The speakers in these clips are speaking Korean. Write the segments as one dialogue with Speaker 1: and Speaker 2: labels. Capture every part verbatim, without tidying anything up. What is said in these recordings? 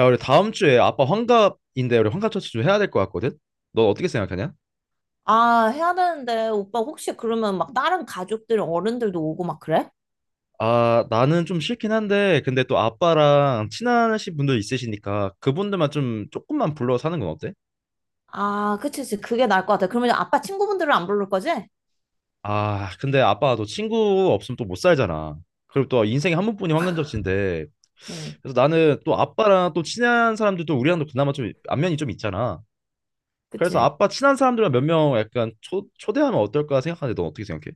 Speaker 1: 야, 우리 다음 주에 아빠 환갑인데 우리 환갑 잔치 좀 해야 될 것 같거든? 너 어떻게 생각하냐?
Speaker 2: 아, 해야 되는데, 오빠 혹시 그러면 막 다른 가족들, 어른들도 오고 막 그래?
Speaker 1: 아, 나는 좀 싫긴 한데 근데 또 아빠랑 친하신 분들 있으시니까 그분들만 좀 조금만 불러서 하는 건 어때?
Speaker 2: 아, 그치, 그치. 그게 나을 것 같아. 그러면 아빠 친구분들은 안 부를 거지?
Speaker 1: 아, 근데 아빠가 또 친구 없으면 또 못 살잖아. 그리고 또 인생에 한 번뿐이 환갑 잔치인데
Speaker 2: 응,
Speaker 1: 그래서 나는 또 아빠랑 또 친한 사람들도 우리랑도 그나마 좀 안면이 좀 있잖아. 그래서
Speaker 2: 그치.
Speaker 1: 아빠 친한 사람들만 몇 명 약간 초, 초대하면 어떨까 생각하는데 넌 어떻게 생각해?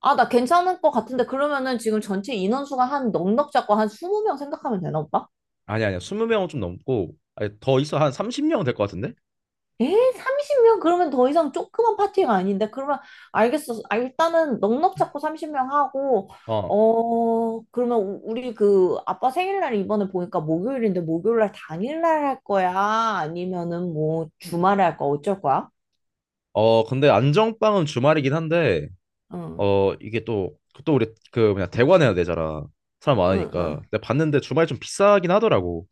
Speaker 2: 아, 나 괜찮을 것 같은데, 그러면은 지금 전체 인원수가 한 넉넉 잡고 한 이십 명 생각하면 되나, 오빠?
Speaker 1: 아니 아니야. 이십 명은 좀 넘고 아니, 더 있어. 한 삼십 명 될 것 같은데?
Speaker 2: 에? 삼십 명? 그러면 더 이상 조그만 파티가 아닌데? 그러면 알겠어. 아, 일단은 넉넉 잡고 삼십 명 하고,
Speaker 1: 어.
Speaker 2: 어, 그러면 우- 우리 그 아빠 생일날 이번에 보니까 목요일인데 목요일날 당일날 할 거야? 아니면은 뭐 주말에 할 거야? 어쩔 거야?
Speaker 1: 어, 근데 안정빵은 주말이긴 한데
Speaker 2: 응,
Speaker 1: 어, 이게 또 그 또 우리 그 뭐냐 대관해야 되잖아. 사람
Speaker 2: 응,
Speaker 1: 많으니까.
Speaker 2: 응.
Speaker 1: 근데 봤는데 주말 좀 비싸긴 하더라고.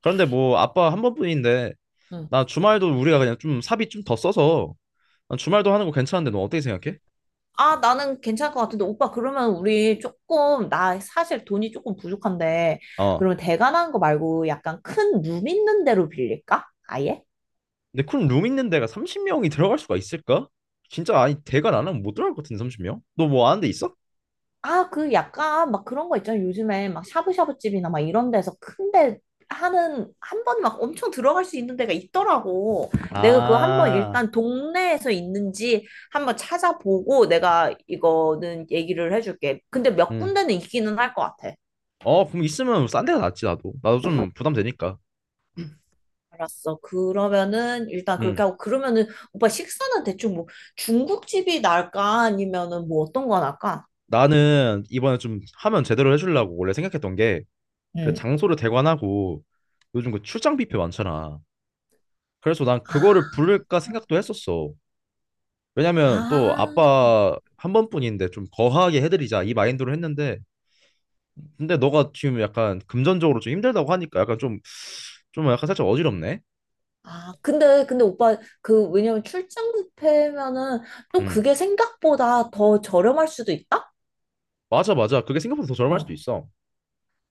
Speaker 1: 그런데 뭐 아빠 한 번뿐인데
Speaker 2: 응.
Speaker 1: 나 주말도 우리가 그냥 좀 사비 좀 더 써서 난 주말도 하는 거 괜찮은데 너 어떻게 생각해?
Speaker 2: 아, 나는 괜찮을 것 같은데, 오빠, 그러면 우리 조금, 나 사실 돈이 조금 부족한데,
Speaker 1: 어.
Speaker 2: 그러면 대관하는 거 말고 약간 큰 룸 있는 데로 빌릴까? 아예?
Speaker 1: 근데 큰 룸 있는 데가 삼십 명이 들어갈 수가 있을까? 진짜 아니 대관 안 하면 못 들어갈 것 같은데 삼십 명? 너 뭐 아는 데 있어?
Speaker 2: 아, 그 약간 막 그런 거 있잖아요. 요즘에 막 샤브샤브 집이나 막 이런 데서 큰데 하는 한 번 막 엄청 들어갈 수 있는 데가 있더라고. 내가 그거 한번
Speaker 1: 아,
Speaker 2: 일단 동네에서 있는지 한번 찾아보고 내가 이거는 얘기를 해줄게. 근데 몇
Speaker 1: 응.
Speaker 2: 군데는 있기는 할 것 같아.
Speaker 1: 어, 그럼 있으면 뭐 싼 데가 낫지, 나도. 나도 좀 부담되니까.
Speaker 2: 알았어. 그러면은 일단
Speaker 1: 응.
Speaker 2: 그렇게 하고 그러면은 오빠 식사는 대충 뭐 중국집이 나을까 아니면은 뭐 어떤 거 나을까?
Speaker 1: 나는 이번에 좀 하면 제대로 해주려고 원래 생각했던 게, 그
Speaker 2: 응.
Speaker 1: 장소를 대관하고, 요즘 그 출장 뷔페 많잖아. 그래서 난 그거를
Speaker 2: 아,
Speaker 1: 부를까 생각도 했었어. 왜냐면 또
Speaker 2: 아.
Speaker 1: 아빠 한 번뿐인데 좀 거하게 해드리자 이 마인드로 했는데, 근데 너가 지금 약간 금전적으로 좀 힘들다고 하니까 약간 좀, 좀 약간 살짝 어지럽네.
Speaker 2: 아, 근데, 근데 오빠, 그, 왜냐면 출장 뷔페면은 또
Speaker 1: 응.
Speaker 2: 그게 생각보다 더 저렴할 수도 있다?
Speaker 1: 맞아, 맞아. 그게 생각보다 더 저렴할 수도
Speaker 2: 어.
Speaker 1: 있어.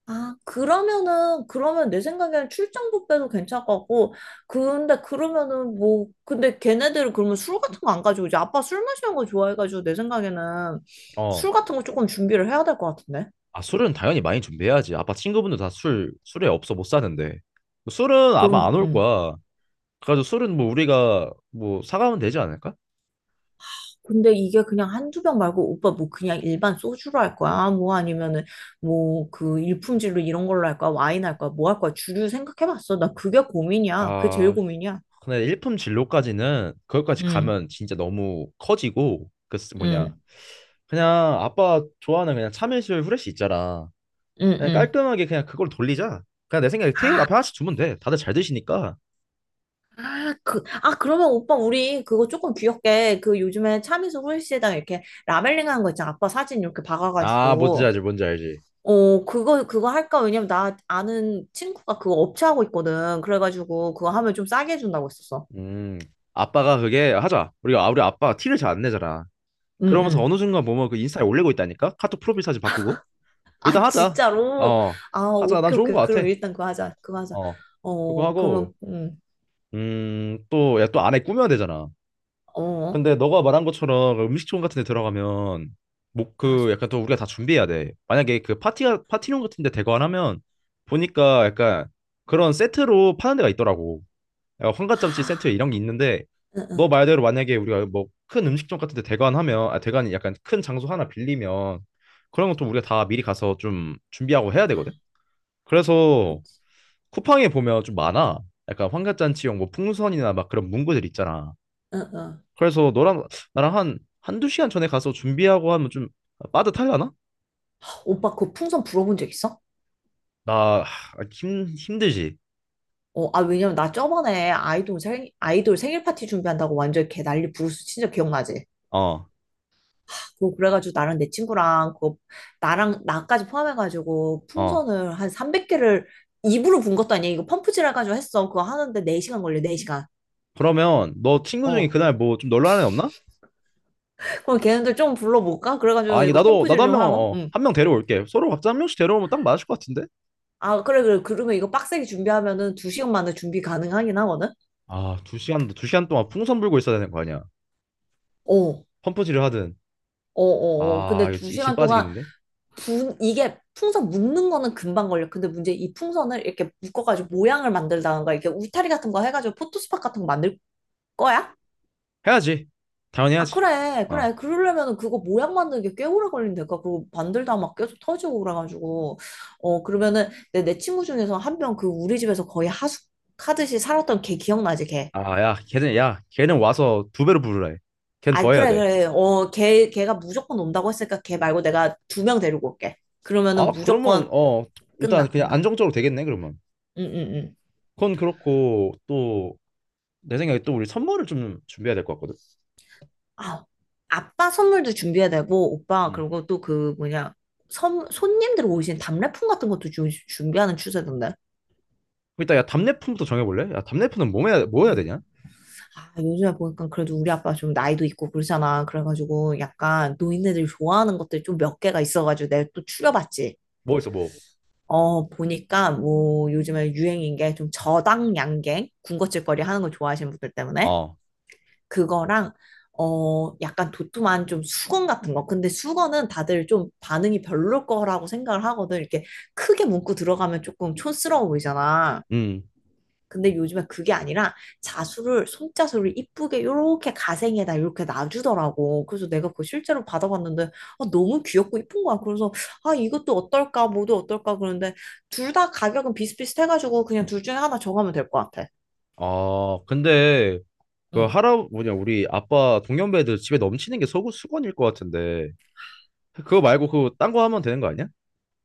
Speaker 2: 아, 그러면은, 그러면 내 생각에는 출장 뷔페도 괜찮을 것 같고, 근데 그러면은 뭐, 근데 걔네들은 그러면 술 같은 거 안 가지고 이제 아빠 술 마시는 거 좋아해가지고 내 생각에는
Speaker 1: 어.
Speaker 2: 술 같은 거 조금 준비를 해야 될 것 같은데?
Speaker 1: 아, 술은 당연히 많이 준비해야지. 아빠 친구분들 다 술, 술에 없어 못 사는데. 술은 아마
Speaker 2: 그럼,
Speaker 1: 안 올
Speaker 2: 음.
Speaker 1: 거야. 그래가지고 술은 뭐 우리가 뭐 사가면 되지 않을까?
Speaker 2: 근데 이게 그냥 한두 병 말고 오빠 뭐 그냥 일반 소주로 할 거야? 뭐 아니면은 뭐 그 일품질로 이런 걸로 할 거야? 와인 할 거야? 뭐 할 거야? 주류 생각해봤어. 나 그게 고민이야. 그게 제일
Speaker 1: 아,
Speaker 2: 고민이야.
Speaker 1: 근데 일품 진로까지는 그것까지
Speaker 2: 응,
Speaker 1: 가면 진짜 너무 커지고 그 쓰- 뭐냐
Speaker 2: 응.
Speaker 1: 그냥 아빠 좋아하는 그냥 참이슬 후레쉬 있잖아.
Speaker 2: 응,
Speaker 1: 그냥
Speaker 2: 응.
Speaker 1: 깔끔하게 그냥 그걸 돌리자. 그냥 내 생각에 테이블
Speaker 2: 아,
Speaker 1: 앞에 하나씩 주면 돼. 다들 잘 드시니까.
Speaker 2: 아, 그, 아, 그러면 오빠, 우리 그거 조금 귀엽게, 그 요즘에 참이슬 홀씨에다가 이렇게 라벨링 하는 거 있잖아. 아빠 사진 이렇게
Speaker 1: 아, 뭔지
Speaker 2: 박아가지고.
Speaker 1: 알지, 뭔지 알지.
Speaker 2: 어, 그거, 그거 할까? 왜냐면 나 아는 친구가 그거 업체 하고 있거든. 그래가지고 그거 하면 좀 싸게 해준다고 했었어.
Speaker 1: 음, 아빠가 그게 하자. 우리가 아, 우리 아빠가 티를 잘 안 내잖아. 그러면서
Speaker 2: 응응.
Speaker 1: 어느 순간 보면 그 인스타에 올리고 있다니까? 카톡 프로필 사진 바꾸고. 일단
Speaker 2: 아,
Speaker 1: 하자.
Speaker 2: 진짜로?
Speaker 1: 어,
Speaker 2: 아,
Speaker 1: 하자. 난
Speaker 2: 오케이,
Speaker 1: 좋은 거
Speaker 2: 오케이.
Speaker 1: 같아.
Speaker 2: 그럼 일단 그거 하자. 그거 하자.
Speaker 1: 어, 그거
Speaker 2: 어,
Speaker 1: 하고,
Speaker 2: 그러면, 음,
Speaker 1: 음, 또, 야, 또 안에 꾸며야 되잖아.
Speaker 2: 어,
Speaker 1: 근데 너가 말한 것처럼 그 음식점 같은 데 들어가면, 뭐, 그,
Speaker 2: 맞아.
Speaker 1: 약간 또 우리가 다 준비해야 돼. 만약에 그 파티가, 파티룸 같은 데 대관 하면, 보니까 약간 그런 세트로 파는 데가 있더라고. 야, 환가짬치 세트에
Speaker 2: 아,
Speaker 1: 이런 게 있는데
Speaker 2: 응,
Speaker 1: 너
Speaker 2: 응.
Speaker 1: 말대로 만약에 우리가 뭐 큰 음식점 같은 데 대관하면 아 대관이 약간 큰 장소 하나 빌리면 그런 것도 우리가 다 미리 가서 좀 준비하고 해야 되거든.
Speaker 2: 그,
Speaker 1: 그래서 쿠팡에 보면 좀 많아. 약간 환갑잔치용 뭐 풍선이나 막 그런 문구들 있잖아.
Speaker 2: 응, 응.
Speaker 1: 그래서 너랑 나랑 한 한두 시간 전에 가서 준비하고 하면 좀 빠듯하려나?
Speaker 2: 오빠, 그 풍선 불어본 적 있어?
Speaker 1: 나 하, 힘 힘들지.
Speaker 2: 어, 아, 왜냐면 나 저번에 아이돌 생, 아이돌 생일 파티 준비한다고 완전 개 난리 부르스 진짜 기억나지?
Speaker 1: 어.
Speaker 2: 그 그래가지고 나랑 내 친구랑, 그, 나랑, 나까지 포함해가지고
Speaker 1: 어.
Speaker 2: 풍선을 한 삼백 개를 입으로 분 것도 아니야. 이거 펌프질 해가지고 했어. 그거 하는데 네 시간 걸려, 네 시간.
Speaker 1: 그러면 너 친구 중에 그날 뭐 좀 놀라는 애 없나?
Speaker 2: 그럼 걔네들 좀 불러볼까?
Speaker 1: 아,
Speaker 2: 그래가지고
Speaker 1: 이게
Speaker 2: 이거
Speaker 1: 나도,
Speaker 2: 펌프질
Speaker 1: 나도 한
Speaker 2: 좀
Speaker 1: 명,
Speaker 2: 하고.
Speaker 1: 어,
Speaker 2: 응.
Speaker 1: 한 명 데려올게. 서로 각자 한 명씩 데려오면 딱 맞을 것 같은데?
Speaker 2: 아, 그래, 그래. 그러면 이거 빡세게 준비하면은 두 시간 만에 준비 가능하긴 하거든?
Speaker 1: 아, 두 시간, 두 시간 동안 풍선 불고 있어야 되는 거 아니야.
Speaker 2: 어, 어,
Speaker 1: 펌프질을 하든.
Speaker 2: 어, 어.
Speaker 1: 아,
Speaker 2: 근데
Speaker 1: 이거
Speaker 2: 두
Speaker 1: 진, 진
Speaker 2: 시간 동안
Speaker 1: 빠지겠는데?
Speaker 2: 분, 이게 풍선 묶는 거는 금방 걸려. 근데 문제 이 풍선을 이렇게 묶어가지고 모양을 만들다가 이렇게 울타리 같은 거 해가지고 포토스팟 같은 거 만들 거야?
Speaker 1: 해야지. 당연히
Speaker 2: 아,
Speaker 1: 해야지.
Speaker 2: 그래,
Speaker 1: 어.
Speaker 2: 그래. 그러려면 그거 모양 만드는 게 꽤 오래 걸린다니까. 그거 만들다 막 계속 터지고 그래가지고. 어, 그러면은 내, 내 친구 중에서 한 명 그 우리 집에서 거의 하숙하듯이 살았던 걔 기억나지, 걔?
Speaker 1: 아, 야, 걔는, 야, 걔는 와서 두 배로 부르라 해. 걘
Speaker 2: 아,
Speaker 1: 더 해야
Speaker 2: 그래,
Speaker 1: 돼.
Speaker 2: 그래. 어, 걔, 걔가 무조건 온다고 했으니까 걔 말고 내가 두 명 데리고 올게. 그러면은
Speaker 1: 아, 그러면,
Speaker 2: 무조건
Speaker 1: 어, 일단
Speaker 2: 끝나,
Speaker 1: 그냥
Speaker 2: 끝나.
Speaker 1: 안정적으로 되겠네, 그러면.
Speaker 2: 응, 응, 응.
Speaker 1: 그건 그렇고, 또, 내 생각에 또 우리 선물을 좀 준비해야 될 것 같거든.
Speaker 2: 아, 아빠 선물도 준비해야 되고, 오빠,
Speaker 1: 음.
Speaker 2: 그리고 또 그 뭐냐. 선, 손님들 오신 답례품 같은 것도 주, 준비하는 추세던데.
Speaker 1: 일단, 야, 답례품부터 정해볼래? 야, 답례품은 뭐 해야, 뭐 해야 되냐?
Speaker 2: 아, 요즘에 보니까 그래도 우리 아빠 좀 나이도 있고 그러잖아. 그래가지고 약간 노인네들이 좋아하는 것들 좀 몇 개가 있어가지고 내가 또 추려봤지.
Speaker 1: 뭐 있어, 뭐.
Speaker 2: 어, 보니까 뭐 요즘에 유행인 게 좀 저당 양갱, 군것질거리 하는 거 좋아하시는 분들 때문에
Speaker 1: 어.
Speaker 2: 그거랑 어, 약간 도톰한 좀 수건 같은 거. 근데 수건은 다들 좀 반응이 별로일 거라고 생각을 하거든. 이렇게 크게 문구 들어가면 조금 촌스러워 보이잖아.
Speaker 1: 음.
Speaker 2: 근데 요즘에 그게 아니라 자수를 손자수를 이쁘게 요렇게 가생에다 이렇게 놔주더라고. 그래서 내가 그거 실제로 받아봤는데 아, 너무 귀엽고 이쁜 거야. 그래서 아 이것도 어떨까 뭐도 어떨까 그러는데 둘 다 가격은 비슷비슷해가지고 그냥 둘 중에 하나 정하면 될 것 같아.
Speaker 1: 아, 근데 그
Speaker 2: 응.
Speaker 1: 할아 뭐냐 우리 아빠 동년배들 집에 넘치는 게 서구 수건일 것 같은데 그거 말고 그 딴 거 하면 되는 거 아니야?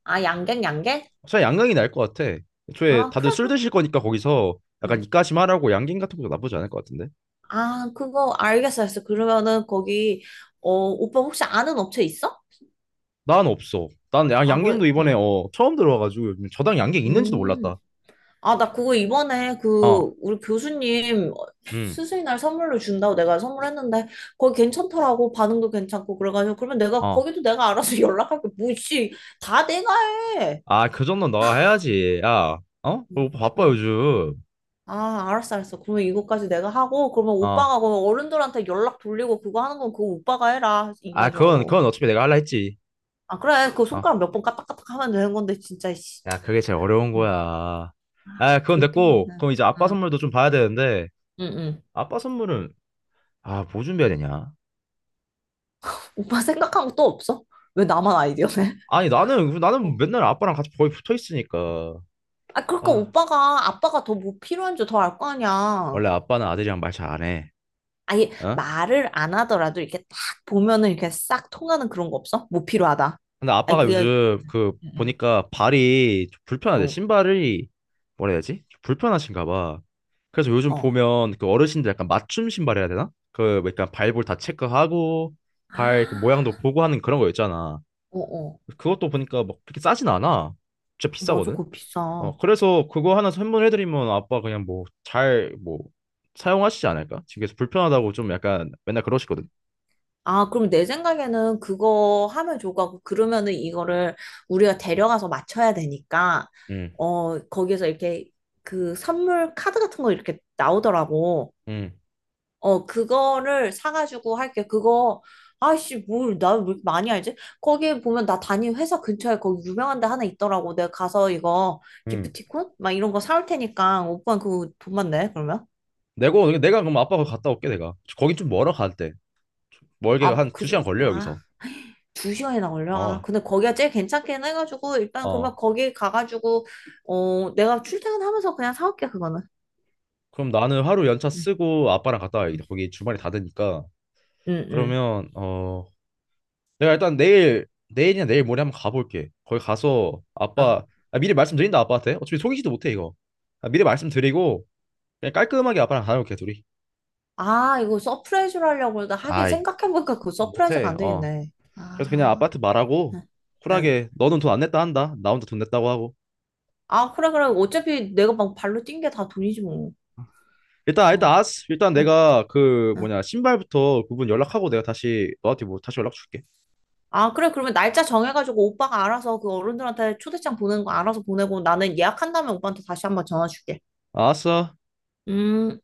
Speaker 2: 아 양갱 양갱?
Speaker 1: 차라리 양강이 나을 것 같아. 애초에
Speaker 2: 아
Speaker 1: 다들
Speaker 2: 그래
Speaker 1: 술
Speaker 2: 그래.
Speaker 1: 드실 거니까 거기서
Speaker 2: 응.
Speaker 1: 약간 입가심 하라고 양갱 같은 것도 나쁘지 않을 것 같은데.
Speaker 2: 아 그거 알겠어 알겠어. 그러면은 거기 어 오빠 혹시 아는 업체 있어?
Speaker 1: 난 없어. 난 야-
Speaker 2: 아
Speaker 1: 양갱도
Speaker 2: 그래.
Speaker 1: 이번에
Speaker 2: 응.
Speaker 1: 어 처음 들어와가지고 요즘 저당 양갱 있는지도
Speaker 2: 음.
Speaker 1: 몰랐다.
Speaker 2: 아, 나 그거 이번에
Speaker 1: 어,
Speaker 2: 그 우리 교수님
Speaker 1: 음,
Speaker 2: 스승의 날 선물로 준다고 내가 선물했는데 거기 괜찮더라고 반응도 괜찮고 그래가지고 그러면 내가
Speaker 1: 어.
Speaker 2: 거기도 내가 알아서 연락할게 뭐지 다 내가 해.
Speaker 1: 아, 그 정도는 너가 해야지. 야, 어? 오빠 바빠
Speaker 2: 어.
Speaker 1: 요즘.
Speaker 2: 아, 알았어, 알았어. 그러면 이거까지 내가 하고 그러면
Speaker 1: 어.
Speaker 2: 오빠가 그 어른들한테 연락 돌리고 그거 하는 건 그거 오빠가 해라
Speaker 1: 아, 그건
Speaker 2: 인간적으로.
Speaker 1: 그건 어차피 내가 할라 했지.
Speaker 2: 아, 그래. 그
Speaker 1: 어.
Speaker 2: 손가락 몇 번 까딱까딱 하면 되는 건데 진짜 씨.
Speaker 1: 야, 그게 제일 어려운
Speaker 2: 음,
Speaker 1: 거야. 아, 그건 됐고,
Speaker 2: 그렇게는.
Speaker 1: 그럼 이제 아빠
Speaker 2: 응,
Speaker 1: 선물도 좀 봐야 되는데,
Speaker 2: 응, 응.
Speaker 1: 아빠 선물은, 아, 뭐 준비해야 되냐?
Speaker 2: 오빠 생각한 것도 없어? 왜 나만 아이디어네?
Speaker 1: 아니, 나는, 나는 맨날 아빠랑 같이 거의 붙어 있으니까.
Speaker 2: 아, 그러니까
Speaker 1: 아,
Speaker 2: 오빠가 아빠가 더 뭐 필요한 줄 더 알 거 아니야.
Speaker 1: 원래 아빠는 아들이랑 말 잘 안 해.
Speaker 2: 아니,
Speaker 1: 어?
Speaker 2: 말을 안 하더라도 이렇게 딱 보면은 이렇게 싹 통하는 그런 거 없어? 뭐 필요하다.
Speaker 1: 근데
Speaker 2: 아니,
Speaker 1: 아빠가
Speaker 2: 그게,
Speaker 1: 요즘 그,
Speaker 2: 응,
Speaker 1: 보니까 발이 좀 불편하대.
Speaker 2: 응.
Speaker 1: 신발이, 뭐라 해야 되지? 좀 불편하신가 봐. 그래서 요즘
Speaker 2: 어, 어.
Speaker 1: 보면 그 어르신들 약간 맞춤 신발 해야 되나? 그, 뭐 약간 발볼 다 체크하고, 발그 모양도
Speaker 2: 아,
Speaker 1: 보고 하는 그런 거 있잖아.
Speaker 2: 어, 어.
Speaker 1: 그것도 보니까 막 그렇게 싸진 않아. 진짜
Speaker 2: 맞아,
Speaker 1: 비싸거든.
Speaker 2: 그거 비싸.
Speaker 1: 어, 그래서 그거 하나 선물해드리면 아빠 그냥 뭐 잘 뭐 사용하시지 않을까? 그래서 불편하다고 좀 약간 맨날 그러시거든.
Speaker 2: 아, 그럼 내 생각에는 그거 하면 좋을 것 같고, 그러면은 이거를 우리가 데려가서 맞춰야 되니까,
Speaker 1: 응,
Speaker 2: 어, 거기에서 이렇게 그 선물 카드 같은 거 이렇게 나오더라고.
Speaker 1: 응,
Speaker 2: 어, 그거를 사가지고 할게. 그거, 아이씨, 뭘, 나 왜 이렇게 많이 알지? 거기에 보면 나 다니는 회사 근처에 거기 유명한 데 하나 있더라고. 내가 가서 이거
Speaker 1: 응.
Speaker 2: 기프티콘? 막 이런 거 사올 테니까 오빠 그거 돈만 내, 그러면?
Speaker 1: 내가 내가 그럼 아빠 거 갔다 올게 내가. 거긴 좀 멀어 갈 때. 좀 멀게
Speaker 2: 아,
Speaker 1: 한
Speaker 2: 그,
Speaker 1: 두
Speaker 2: 좀-
Speaker 1: 시간 걸려
Speaker 2: 아,
Speaker 1: 여기서.
Speaker 2: 두 시간이나 걸려? 아,
Speaker 1: 어,
Speaker 2: 근데 거기가 제일 괜찮긴 해가지고 일단 그러면
Speaker 1: 어.
Speaker 2: 거기 가가지고, 어, 내가 출퇴근하면서 그냥 사올게, 그거는.
Speaker 1: 그럼 나는 하루 연차
Speaker 2: 응,
Speaker 1: 쓰고 아빠랑 갔다
Speaker 2: 응,
Speaker 1: 와야겠다. 거기 주말에 닫으니까.
Speaker 2: 응,
Speaker 1: 그러면 어 내가 일단 내일 내일이나 내일 모레 한번 가볼게. 거기 가서
Speaker 2: 응. 어.
Speaker 1: 아빠 아, 미리 말씀드린다 아빠한테. 어차피 속이지도 못해 이거. 아, 미리 말씀드리고 그냥 깔끔하게 아빠랑 다녀올게 둘이.
Speaker 2: 아, 이거 서프라이즈로 하려고 그러다 하긴
Speaker 1: 아이
Speaker 2: 생각해보니까 그거
Speaker 1: 아,
Speaker 2: 서프라이즈가
Speaker 1: 못해.
Speaker 2: 안
Speaker 1: 어.
Speaker 2: 되겠네.
Speaker 1: 그래서 그냥
Speaker 2: 아.
Speaker 1: 아빠한테 말하고
Speaker 2: 응, 응.
Speaker 1: 쿨하게 너는 돈 안 냈다 한다. 나 혼자 돈 냈다고 하고.
Speaker 2: 아, 그래, 그래. 어차피 내가 막 발로 뛴 게 다 돈이지, 뭐.
Speaker 1: 일단
Speaker 2: 응,
Speaker 1: 일단 아스 일단
Speaker 2: 응,
Speaker 1: 내가 그
Speaker 2: 응.
Speaker 1: 뭐냐 신발부터 그분 연락하고 내가 다시 너한테 뭐 다시 연락 줄게.
Speaker 2: 아, 그래. 그러면 날짜 정해가지고 오빠가 알아서 그 어른들한테 초대장 보내는 거 알아서 보내고 나는 예약한 다음에 오빠한테 다시 한번 전화 줄게.
Speaker 1: 알았어.
Speaker 2: 음.